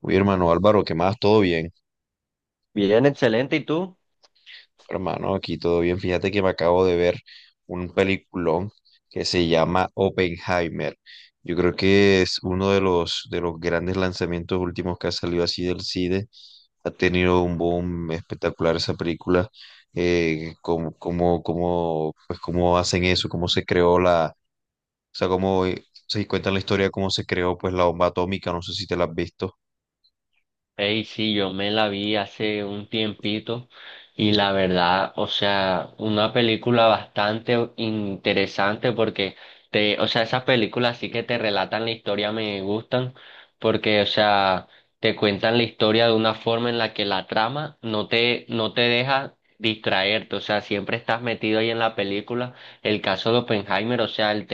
Uy, hermano Álvaro, ¿qué más? ¿Todo bien? Bien, excelente. ¿Y tú? Hermano, aquí todo bien. Fíjate que me acabo de ver un peliculón que se llama Oppenheimer. Yo creo que es uno de los grandes lanzamientos últimos que ha salido así del cine. Ha tenido un boom espectacular esa película. Cómo hacen eso, cómo se creó la, o sea, cómo se cuenta la historia, de cómo se creó pues la bomba atómica. No sé si te la has visto. Ey, sí, yo me la vi hace un tiempito y la verdad, o sea, una película bastante interesante porque o sea, esas películas sí que te relatan la historia me gustan porque, o sea, te cuentan la historia de una forma en la que la trama no te deja distraerte, o sea, siempre estás metido ahí en la película. El caso de Oppenheimer,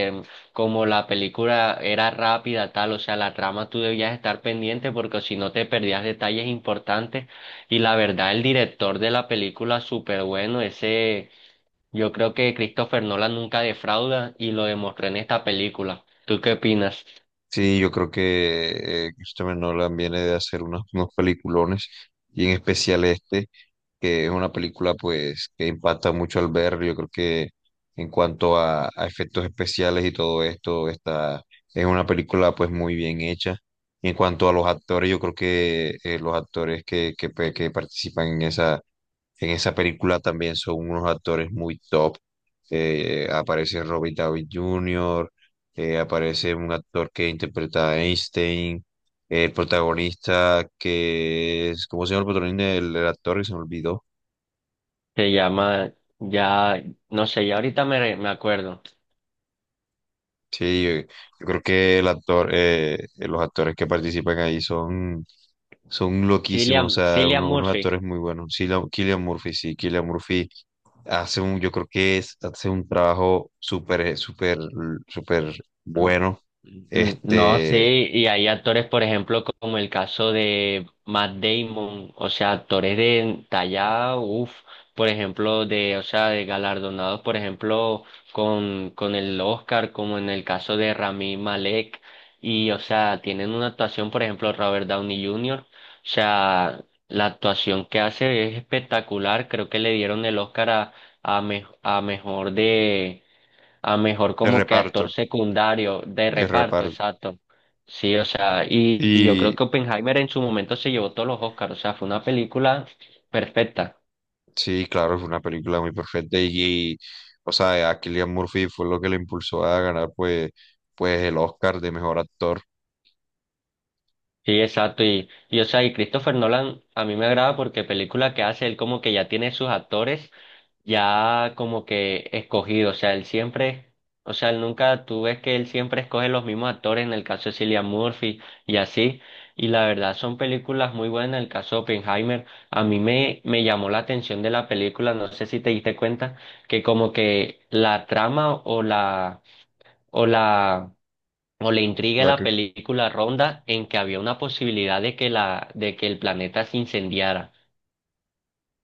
como la película era rápida, tal, o sea, la trama tú debías estar pendiente porque si no te perdías detalles importantes. Y la verdad, el director de la película, súper bueno. Yo creo que Christopher Nolan nunca defrauda y lo demostró en esta película. ¿Tú qué opinas? Sí, yo creo que Christopher Nolan viene de hacer unos peliculones y en especial este, que es una película pues que impacta mucho al ver. Yo creo que en cuanto a efectos especiales y todo esto, esta es una película pues muy bien hecha. Y en cuanto a los actores, yo creo que los actores que participan en esa película también son unos actores muy top. Aparece Robert Downey Jr, aparece un actor que interpreta a Einstein, el protagonista que es, ¿cómo se llama el protagonista? El actor que se me olvidó. Se llama, ya, no sé, ya ahorita me acuerdo. Sí, yo creo que el actor, los actores que participan ahí son loquísimos, o sea, Cillian unos Murphy. actores muy buenos. Sí, Cillian Murphy, sí, Cillian Murphy hace un, yo creo que es, hace un trabajo súper bueno, Mm. No sé, este, y hay actores, por ejemplo, como el caso de Matt Damon, o sea, actores de talla, uff, por ejemplo, de, o sea, de galardonados, por ejemplo, con el Oscar, como en el caso de Rami Malek, y, o sea, tienen una actuación, por ejemplo, Robert Downey Jr., o sea, la actuación que hace es espectacular, creo que le dieron el Oscar a, me- a mejor de a mejor de como que actor reparto, secundario de de reparto, reparto. exacto. Sí, o sea, y yo creo Y que Oppenheimer en su momento se llevó todos los Oscars, o sea, fue una película perfecta. sí, claro, fue una película muy perfecta y, o sea, a Cillian Murphy fue lo que le impulsó a ganar pues el Oscar de mejor actor. Sí, exacto, y o sea, y Christopher Nolan a mí me agrada porque película que hace, él como que ya tiene sus actores ya como que escogido, o sea, él siempre, o sea, él nunca, tú ves que él siempre escoge los mismos actores, en el caso de Cillian Murphy y así, y la verdad son películas muy buenas, en el caso de Oppenheimer, a mí me llamó la atención de la película, no sé si te diste cuenta, que como que la trama o la, o la, o la O intriga de sea la que... película ronda en que había una posibilidad de que el planeta se incendiara,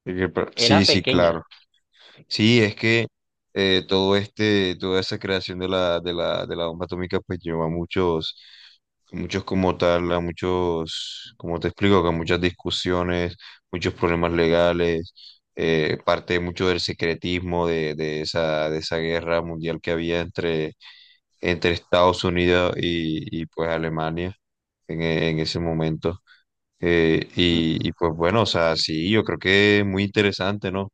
Y que... pero... Sí, era sí, claro. pequeña. Sí, es que toda esa creación de la bomba atómica pues llevó a muchos, muchos como tal, a muchos, como te explico, que muchas discusiones, muchos problemas legales, parte mucho del secretismo de esa guerra mundial que había entre Estados Unidos y pues Alemania en, en ese momento. Y pues bueno, o sea, sí, yo creo que es muy interesante, ¿no?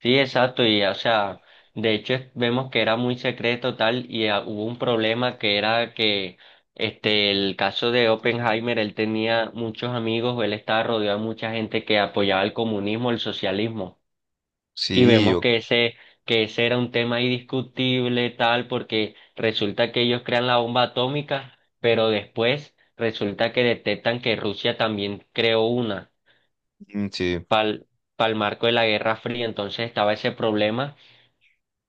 Sí, exacto, y o sea, vemos que era muy secreto tal y ah, hubo un problema que era que este el caso de Oppenheimer, él tenía muchos amigos, él estaba rodeado de mucha gente que apoyaba el comunismo, el socialismo, y Sí, vemos yo. Que ese era un tema indiscutible tal porque resulta que ellos crean la bomba atómica, pero después resulta que detectan que Rusia también creó una Mm. Sí, pal- para el marco de la Guerra Fría, entonces estaba ese problema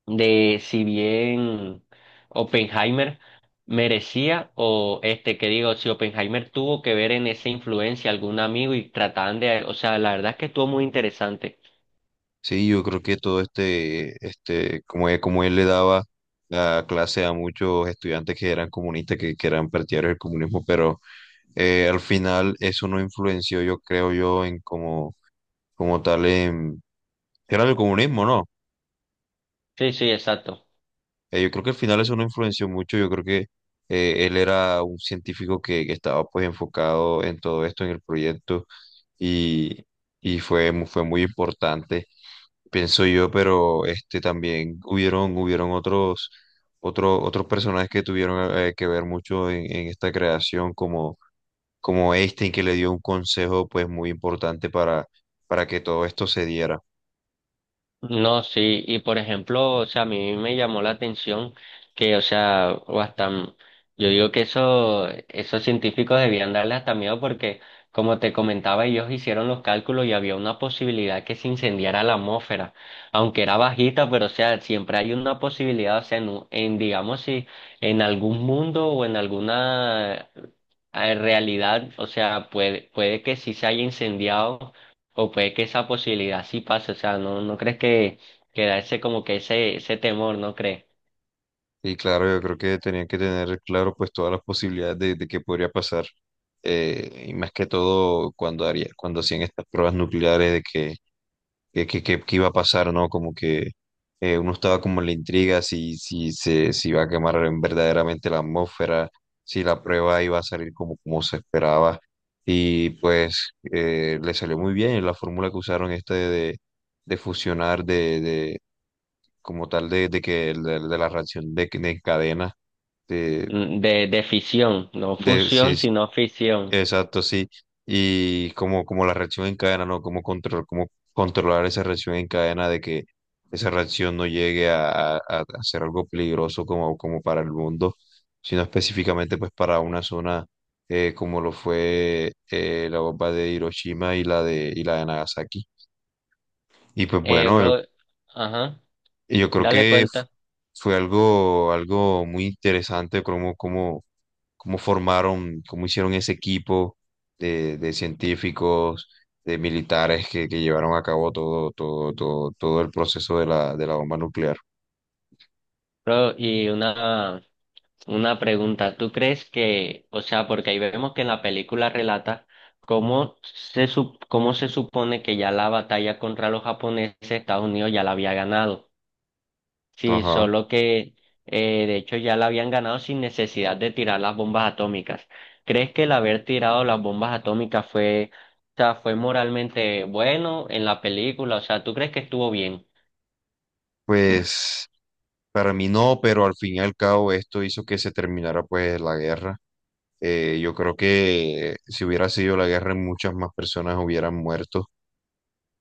de si bien Oppenheimer merecía o este que digo, si Oppenheimer tuvo que ver en esa influencia algún amigo y trataban de, o sea, la verdad es que estuvo muy interesante. sí, yo creo que como él le daba la clase a muchos estudiantes que eran comunistas, que eran partidarios del comunismo, pero al final eso no influenció, yo creo yo, en como, como tal, en, era el comunismo, ¿no? Sí, sí, exacto. Yo creo que al final eso no influenció mucho. Yo creo que él era un científico que estaba pues enfocado en todo esto, en el proyecto, y, y fue, fue muy importante, pienso yo, pero este también hubieron, otros personajes que tuvieron que ver mucho en esta creación, como, como Einstein, que le dio un consejo pues muy importante para que todo esto se diera. No, sí, y por ejemplo, o sea, a mí me llamó la atención que, o sea, yo digo que eso, esos científicos debían darle hasta miedo porque, como te comentaba, ellos hicieron los cálculos y había una posibilidad que se incendiara la atmósfera, aunque era bajita, pero, o sea, siempre hay una posibilidad, o sea, digamos, si en algún mundo o en alguna realidad, o sea, puede que sí se haya incendiado o puede que esa posibilidad sí pase, o sea, ¿no, no crees que da ese como que ese temor, no crees? Y claro, yo creo que tenían que tener claro pues todas las posibilidades de que podría pasar. Y más que todo cuando haría, cuando hacían estas pruebas nucleares de que qué iba a pasar, ¿no? Como que uno estaba como en la intriga si, si se si iba a quemar verdaderamente la atmósfera, si la prueba iba a salir como, como se esperaba. Y pues le salió muy bien la fórmula que usaron esta de fusionar, de como tal, de la reacción de cadena de, Mm. De fisión, no de, sí, fusión, sí, sino fisión. exacto, sí. Y como, como la reacción en cadena, ¿no? Cómo control, cómo controlar esa reacción en cadena de que esa reacción no llegue a ser algo peligroso como, como para el mundo, sino específicamente pues para una zona como lo fue la bomba de Hiroshima y la de Nagasaki. Y pues bueno, Bro, ajá, y yo creo dale que cuenta. fue algo, algo muy interesante cómo, cómo, cómo formaron, cómo hicieron ese equipo de científicos, de militares que llevaron a cabo todo, todo, todo, todo el proceso de la bomba nuclear. Bro, una pregunta, ¿tú crees que, o sea, porque ahí vemos que en la película relata cómo se supone que ya la batalla contra los japoneses, Estados Unidos ya la había ganado? Sí, Ajá. solo que de hecho ya la habían ganado sin necesidad de tirar las bombas atómicas. ¿Crees que el haber tirado las bombas atómicas fue, o sea, fue moralmente bueno en la película? O sea, ¿tú crees que estuvo bien? Pues para mí no, pero al fin y al cabo esto hizo que se terminara pues la guerra. Yo creo que si hubiera sido la guerra, muchas más personas hubieran muerto.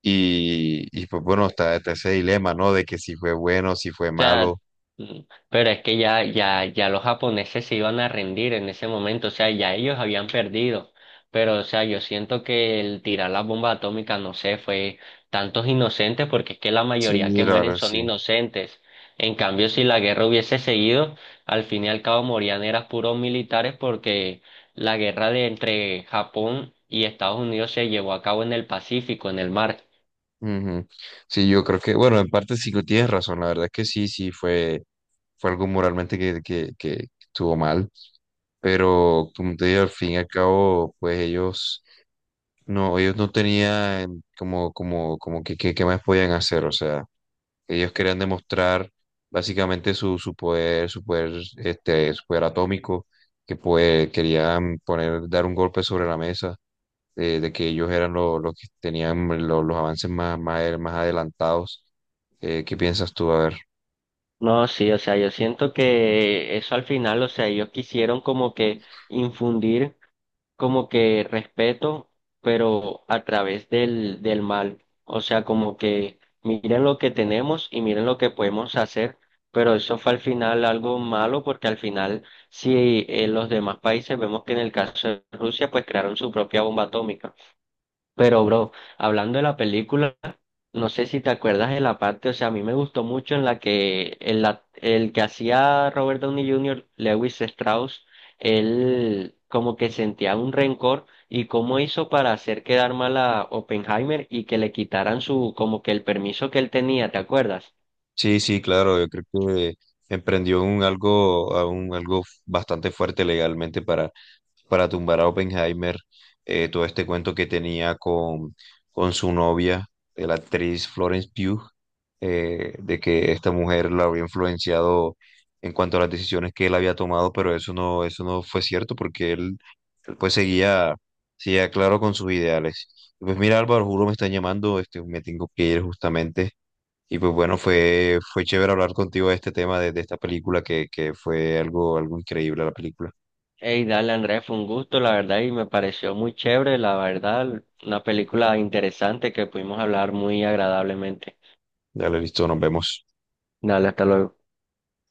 Pues bueno, está, está ese dilema, ¿no? De que si fue bueno, si fue Sea, malo. mm, pero es que ya los japoneses se iban a rendir en ese momento, o sea, ya ellos habían perdido, pero, o sea, yo siento que el tirar la bomba atómica, no sé, fue tantos inocentes, porque es que la Sí, mayoría que la mueren verdad, son sí. inocentes. En cambio, si la guerra hubiese seguido, al fin y al cabo morían eran puros militares porque la guerra de entre Japón y Estados Unidos se llevó a cabo en el Pacífico, en el mar. Ujú. Sí, yo creo que, bueno, en parte sí que tienes razón, la verdad es que sí, sí, fue, fue algo moralmente que estuvo mal, pero como te digo, al fin y al cabo, pues ellos no tenían como, como, como qué más podían hacer, o sea, ellos querían demostrar básicamente su, su poder atómico, que pues querían poner, dar un golpe sobre la mesa, de que ellos eran los que tenían los avances más adelantados. ¿Qué piensas tú? A ver. No, sí, o sea, yo siento que eso al final, o sea, ellos quisieron como que infundir como que respeto, pero a través del mal. O sea, como que miren lo que tenemos y miren lo que podemos hacer, pero eso fue al final algo malo porque al final, si en los demás países vemos que en el caso de Rusia, pues crearon su propia bomba atómica. Pero, bro, hablando de la película... No sé si te acuerdas de la parte, o sea, a mí me gustó mucho en la que el que hacía Robert Downey Jr., Lewis Strauss, él como que sentía un rencor y cómo hizo para hacer quedar mal a Oppenheimer y que le quitaran su, como que el permiso que él tenía, ¿te acuerdas? Sí, sí, claro, yo creo que emprendió un algo, a un algo bastante fuerte legalmente para tumbar a Oppenheimer, todo este cuento que tenía con su novia, la actriz Florence Pugh, de que esta mujer la había influenciado en cuanto a las decisiones que él había tomado, pero eso no fue cierto porque él, pues seguía, seguía claro con sus ideales. Pues mira, Álvaro, juro me están llamando, este, me tengo que ir justamente. Y pues bueno, fue, fue chévere hablar contigo de este tema, de esta película, que fue algo, algo increíble la película. Ey, dale, Andrés, fue un gusto, la verdad, y me pareció muy chévere, la verdad, una película interesante que pudimos hablar muy agradablemente. Dale, listo, nos vemos. Dale, hasta luego.